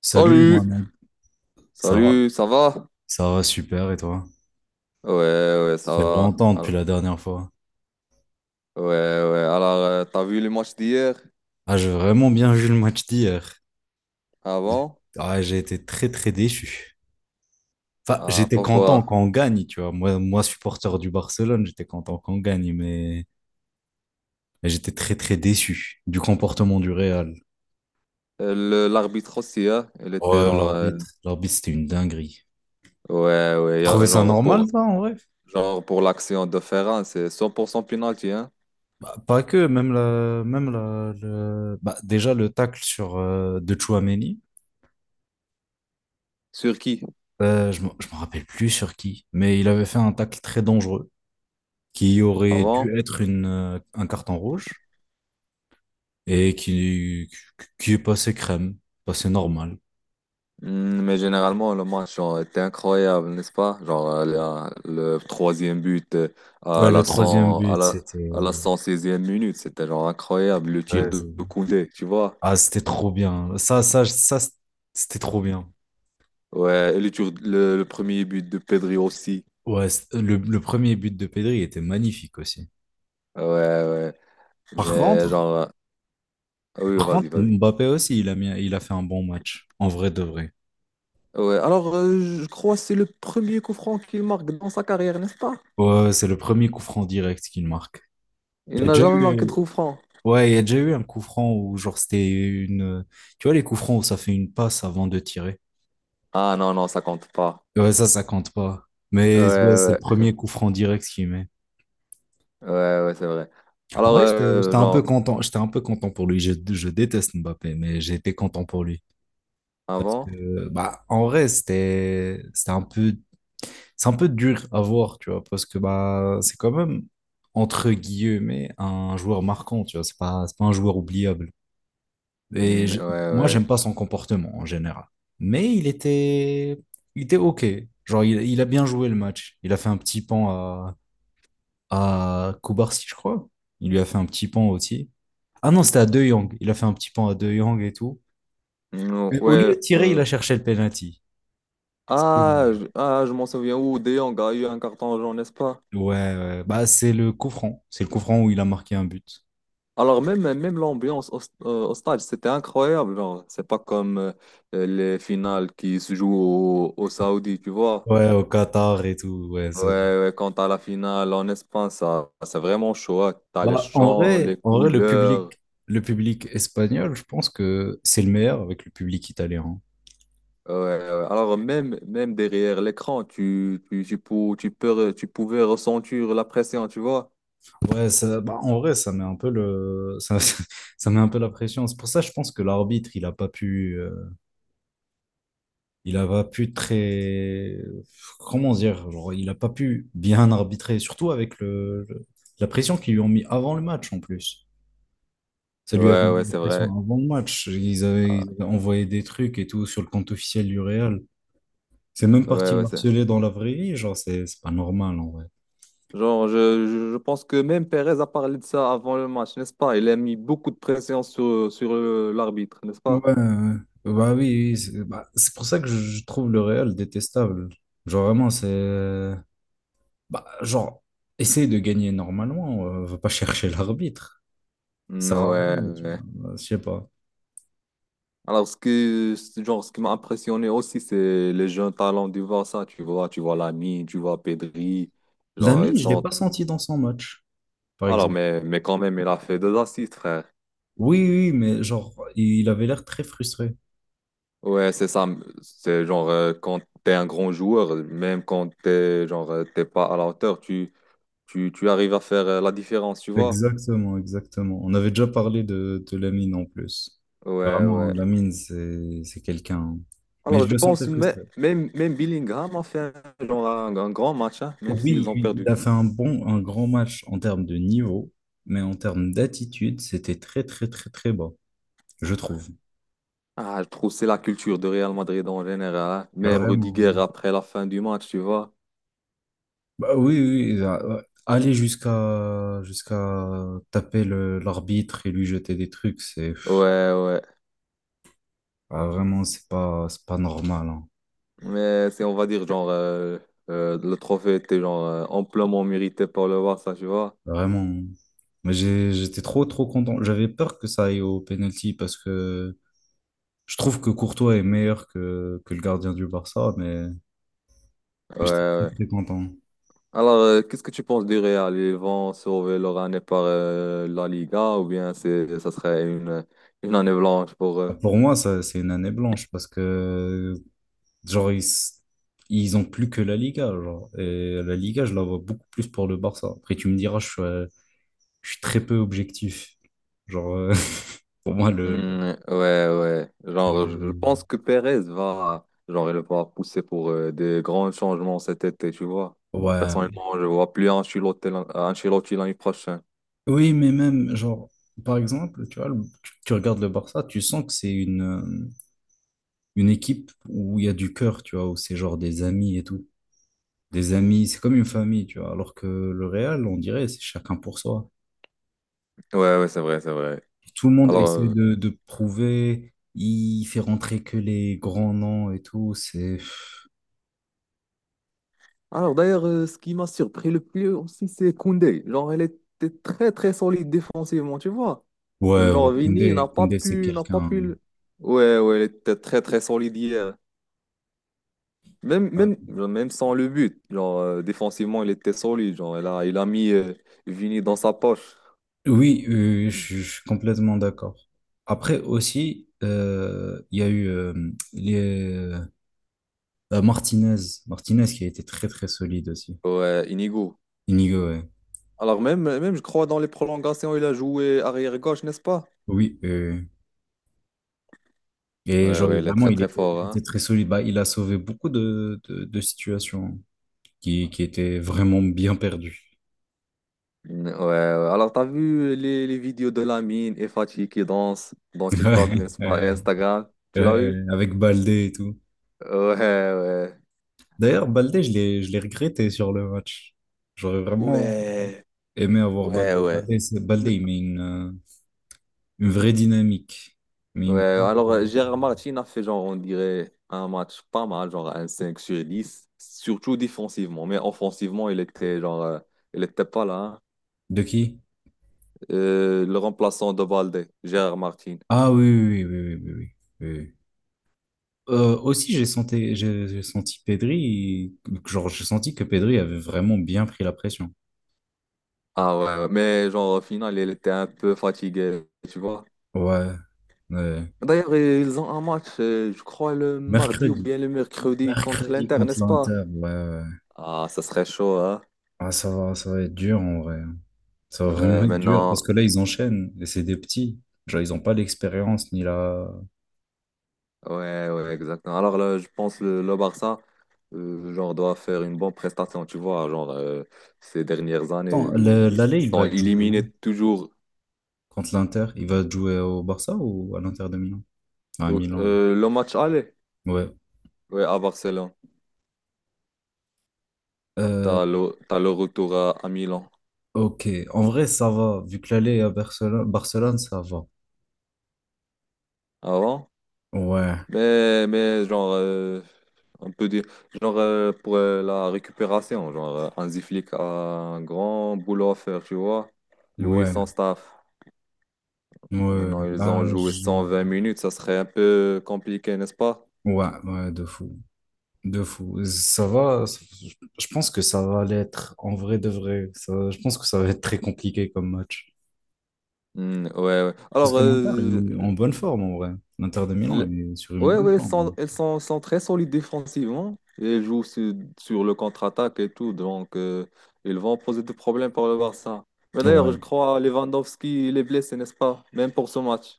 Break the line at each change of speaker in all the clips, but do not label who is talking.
Salut,
Salut!
Mohamed. Ça va?
Salut, ça va?
Ça va super, et toi?
Ouais, ouais, ça
Ça fait
va.
longtemps depuis la dernière fois.
Ouais, ouais. Alors, t'as vu les matchs d'hier
Ah, j'ai vraiment bien vu le match d'hier. J'ai-
avant?
Ah, j'ai été très, très déçu. Enfin,
Ah,
j'étais
pourquoi?
content quand on gagne, tu vois. Moi, supporter du Barcelone, j'étais content quand on gagne, mais j'étais très, très déçu du comportement du Real.
L'arbitre aussi, hein? Il était
Ouais,
genre,
l'arbitre, c'était une dinguerie.
ouais, ouais.
Trouvais ça
Genre
normal,
pour,
toi, en vrai?
genre pour l'action de Ferran, c'est 100% penalty, hein?
Bah, pas que, même la, le- bah, déjà le tacle sur de Tchouaméni.
Sur qui?
Je ne me rappelle plus sur qui, mais il avait fait un tacle très dangereux qui aurait
Avant?
dû être un carton rouge et qui est passé crème, passé normal.
Mais généralement, le match genre, était incroyable, n'est-ce pas? Genre, le troisième but
Ouais,
à
le
la
troisième
100 à
but,
la,
c'était...
à la 116e minute, c'était genre incroyable. Le tir
ouais,
de
c'est-
Koundé, tu vois?
ah, c'était trop bien. Ça, c'était trop bien.
Ouais, et le premier but de Pedri aussi.
Le premier but de Pedri était magnifique aussi.
Ouais, ouais.
Par
Mais
contre,
genre, oui,
par
vas-y,
contre,
vas-y.
Mbappé aussi, il a fait un bon match, en vrai de vrai.
Ouais, alors, je crois que c'est le premier coup franc qu'il marque dans sa carrière, n'est-ce pas?
Ouais, c'est le premier coup franc direct qu'il marque. Il
Il
y a
n'a
déjà
jamais
eu,
marqué de coup franc.
Ouais, il y a déjà eu un coup franc où, genre, c'était une. Tu vois, les coups francs où ça fait une passe avant de tirer.
Ah, non, non, ça compte pas.
Ouais, ça compte pas.
Ouais,
Mais ouais, c'est le
ouais,
premier coup franc direct qu'il met.
ouais, ouais, c'est vrai.
En
Alors,
vrai, j'étais un peu
genre.
content. J'étais un peu content pour lui. Je déteste Mbappé, mais j'ai été content pour lui. Parce
Avant?
que, bah, en vrai, c'était un peu, c'est un peu dur à voir, tu vois, parce que, bah, c'est quand même, entre guillemets, un joueur marquant, tu vois, c'est pas un joueur oubliable. Et
Ouais,
je- Moi,
ouais.
j'aime pas son comportement en général. Mais il était, il était OK. Genre, il a bien joué le match. Il a fait un petit pan à Koubarsi, je crois. Il lui a fait un petit pan aussi. Ah non, c'était à De Jong. Il a fait un petit pan à De Jong et tout. Mais au lieu
Ouais,
de tirer, il a cherché le penalty. C'est
ah,
dommage.
je m'en souviens où De Jong a eu un carton jaune, n'est-ce pas?
Ouais, ouais. Bah, c'est le coup franc. C'est le coup franc où il a marqué un but.
Alors, même, même l'ambiance au stade, c'était incroyable, genre. C'est pas comme les finales qui se jouent au Saoudi, tu vois?
Ouais, au Qatar et tout. Ouais, ça se joue.
Ouais, ouais, quand à la finale en Espagne, ça, c'est vraiment chaud, hein. T'as les
Bah,
chants, les
en vrai,
couleurs.
le public espagnol, je pense que c'est le meilleur avec le public italien, hein.
Ouais, ouais, ouais. Alors même, même derrière l'écran, tu pouvais ressentir la pression, tu vois?
Ouais, ça, bah, en vrai, ça met un peu le, ça, ça met un peu la pression. C'est pour ça, je pense que l'arbitre, il a pas pu comment dire, genre, il a pas pu bien arbitrer, surtout avec la pression qu'ils lui ont mis avant le match, en plus. Ça lui avait
Ouais,
mis
ouais,
la
c'est
pression
vrai.
avant le match.
Ah,
Ils avaient envoyé des trucs et tout sur le compte officiel du Real. C'est même parti
ouais,
le
ouais, c'est...
harceler dans la vraie vie, genre, c'est pas normal, en vrai.
Genre, je pense que même Perez a parlé de ça avant le match, n'est-ce pas? Il a mis beaucoup de pression sur l'arbitre, n'est-ce
Ouais,
pas?
ouais, ouais. Bah oui, oui, oui, c'est pour ça que je trouve le Real détestable. Genre vraiment, genre, essaye de gagner normalement, va pas chercher l'arbitre.
Mm,
Ça sert à rien,
ouais,
tu
ouais.
vois, bah, je sais pas.
Alors, genre, ce qui m'a impressionné aussi, c'est les jeunes talents du Barça. Tu vois Lamine, tu vois Pedri. Genre, ils
Lamine, je l'ai
sont...
pas senti dans son match, par
Alors,
exemple.
mais quand même, il a fait deux assists, frère.
Oui, oui, oui, mais genre, il avait l'air très frustré.
Ouais, c'est ça. C'est genre, quand t'es un grand joueur, même quand t'es, genre, t'es pas à la hauteur, tu arrives à faire la différence, tu vois?
Exactement, exactement. On avait déjà parlé de Lamine en plus.
Ouais,
Vraiment,
ouais.
Lamine, c'est quelqu'un. Mais je
Alors, je
le sentais
pense
frustré.
même, même Bellingham a fait un, genre un grand match, hein, même s'ils
Oui,
ont
oui, il
perdu.
a fait un bon, un grand match en termes de niveau, mais en termes d'attitude, c'était très, très, très, très bas, je trouve.
Ah, je trouve que c'est la culture de Real Madrid en général, hein. Même Rudiger
Vraiment.
après la fin du match, tu vois.
Ouais, aller jusqu'à taper l'arbitre et lui jeter des trucs, c'est pff,
Ouais, ouais.
ah, vraiment, c'est pas normal, hein.
Mais c'est, on va dire, genre, le trophée était genre amplement mérité par le Barça, tu vois.
Vraiment. J'étais trop, trop content. J'avais peur que ça aille au penalty parce que je trouve que Courtois est meilleur que le gardien du Barça, mais
Ouais,
mais j'étais très,
ouais.
très content.
Alors, qu'est-ce que tu penses du Real? Ils vont sauver leur année par la Liga ou bien c'est, ça serait une année blanche pour eux?
Pour moi, ça, c'est une année blanche parce que, genre, ils, s- ils ont plus que la Liga, genre. Et la Liga, je la vois beaucoup plus pour le Barça. Après, tu me diras, je suis très peu objectif. Genre, euh, pour moi,
Mm, ouais, ouais. Genre, je pense
c'est-
que Perez va, genre, il va pousser pour des grands changements cet été, tu vois.
ouais.
Personnellement, je vois plus Ancelotti l'année prochaine.
Oui, mais même, genre, par exemple, tu vois, tu regardes le Barça, tu sens que c'est une équipe où il y a du cœur, tu vois, où c'est genre des amis et tout. Des amis, c'est comme une famille, tu vois. Alors que le Real, on dirait, c'est chacun pour soi.
Ouais, ouais, c'est vrai, c'est vrai.
Tout le monde
Alors,
essaie
euh,
de prouver, il fait rentrer que les grands noms et tout, c'est...
alors, d'ailleurs, ce qui m'a surpris le plus aussi, c'est Koundé. Genre, elle était très, très solide défensivement, tu vois.
Ouais, ouais,
Genre, Vini
Koundé,
n'a pas
Koundé, c'est
pu, n'a pas
quelqu'un...
pu. le- Ouais, ouais, elle était très, très solide hier. Même, même,
ouais.
genre, même sans le but, genre, défensivement, il était solide. Genre, il a mis Vini dans sa poche,
Oui, je suis complètement d'accord. Après aussi, il y a eu les, Martinez, Martinez qui a été très très solide aussi.
ouais, Inigo.
Inigo, ouais.
Alors, même, même, je crois, dans les prolongations, il a joué arrière-gauche, n'est-ce pas?
Oui, et
Ouais,
genre
ouais, il est
vraiment,
très, très fort,
il était
hein.
très solide. Bah, il a sauvé beaucoup de situations qui étaient vraiment bien perdues.
Mm, ouais, ouais. Alors, t'as vu les vidéos de Lamine et Fatih qui dansent dans TikTok, n'est-ce pas, et
Ouais.
Instagram? Tu l'as
Ouais,
vu?
avec Baldé et tout.
Ouais, ouais.
D'ailleurs, Baldé, je l'ai regretté sur le match. J'aurais vraiment
Ouais,
aimé avoir
ouais,
Baldé.
ouais.
Baldé, il met une vraie dynamique. Mais
Ouais,
une
alors Gérard Martin a fait genre, on dirait, un match pas mal, genre un 5/10 surtout défensivement, mais offensivement, il était pas là, hein.
De qui?
Le remplaçant de Balde, Gérard Martin.
Ah oui, oui, oui, oui, oui, oui, oui, oui. Aussi, j'ai senti, j'ai senti Pedri, genre, j'ai senti que Pedri avait vraiment bien pris la pression.
Ah ouais, ouais, mais genre au final, il était un peu fatigué, tu vois.
Ouais, ouais.
D'ailleurs, ils ont un match, je crois, le mardi ou
Mercredi.
bien le mercredi contre
Mercredi
l'Inter,
contre
n'est-ce pas?
l'Inter, ouais, ouais.
Ah, ça serait chaud, hein?
Ah, ça va être dur en vrai. Ça va vraiment
Ouais,
être dur parce
maintenant.
que là, ils enchaînent et c'est des petits. Genre, ils n'ont pas l'expérience ni la.
Ouais, ouais, exactement. Alors là, je pense le Barça, genre, doit faire une bonne prestation, tu vois. Genre, ces dernières années,
Attends,
ils
l'aller, il
sont
va jouer où?
éliminés toujours.
Contre l'Inter? Il va jouer au Barça ou à l'Inter de Milan? Ah, à Milan.
Le match aller,
Ouais.
ouais, à Barcelone.
Euh,
T'as le retour à Milan
ok. En vrai, ça va. Vu que l'aller est à Barcelone, Barcelone, ça va.
avant.
Ouais.
Mais genre, on peut dire, genre, pour la récupération, genre, Hansi Flick a un grand boulot à faire, tu vois. Lui et
Ouais.
son staff.
Ouais.
Non, ils ont joué cent vingt minutes, ça serait un peu compliqué, n'est-ce pas?
Ouais, ouais, de fou. De fou. Je pense que ça va l'être. En vrai, de vrai. Ça... Je pense que ça va être très compliqué comme match.
Ouais, ouais.
Parce
Alors,
que l'Inter est en bonne forme en vrai. L'Inter de Milan
le-
est sur une
ouais,
bonne
ouais, ils sont,
forme,
ils sont, sont très solides défensivement. Et ils jouent sur le contre-attaque et tout, donc ils vont poser des problèmes pour le Barça. Mais
hein.
d'ailleurs, je
Ouais.
crois Lewandowski, il est blessé, n'est-ce pas? Même pour ce match.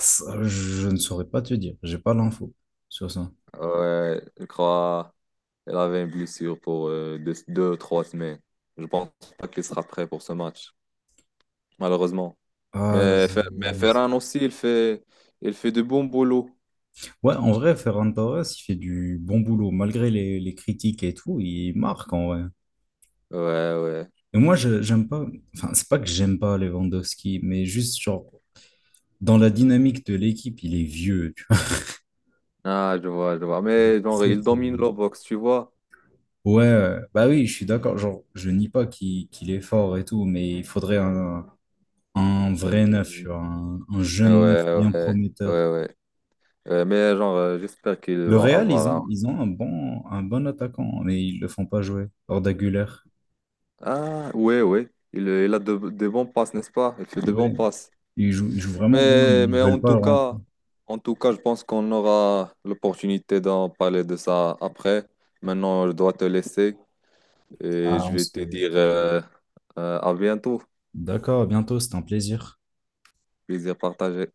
Ça, je ne saurais pas te dire. J'ai pas l'info sur ça.
Ouais, je crois qu'il avait une blessure pour deux, deux, trois semaines. Je pense pas qu'il sera prêt pour ce match, malheureusement.
Ah,
Mais,
z-
Fer- mais
z-
Ferran aussi, il fait de bons boulot.
ouais, en vrai, Ferran Torres, il fait du bon boulot. Malgré les critiques et tout, il marque en vrai.
Ouais, ouais.
Et moi, j'aime pas. Enfin, c'est pas que j'aime pas Lewandowski, mais juste genre dans la dynamique de l'équipe, il est vieux, tu vois.
Ah, je vois, je vois. Mais genre,
Très,
il
très
domine
vieux.
la boxe, tu vois.
Ouais, bah oui, je suis d'accord. Genre, je nie pas qu'il est fort et tout, mais un vrai neuf,
Hmm.
tu vois, un
Ouais,
jeune neuf bien
ouais,
prometteur.
ouais, ouais. Ouais, mais genre, j'espère qu'ils
Le
vont
Real,
avoir
ils ont un bon attaquant, mais ils le font pas jouer. Arda Güler.
un... Ah, ouais, ouais. Il a de bons passes, n'est-ce pas? Il fait de bons
Ouais,
passes.
ils jouent vraiment bien,
Mais,
mais ils
mais
veulent pas le rendre.
en tout cas, je pense qu'on aura l'opportunité d'en parler de ça après. Maintenant, je dois te laisser et
Ah,
je
on
vais
se...
te dire à bientôt.
D'accord, à bientôt, c'est un plaisir.
Plaisir partagé.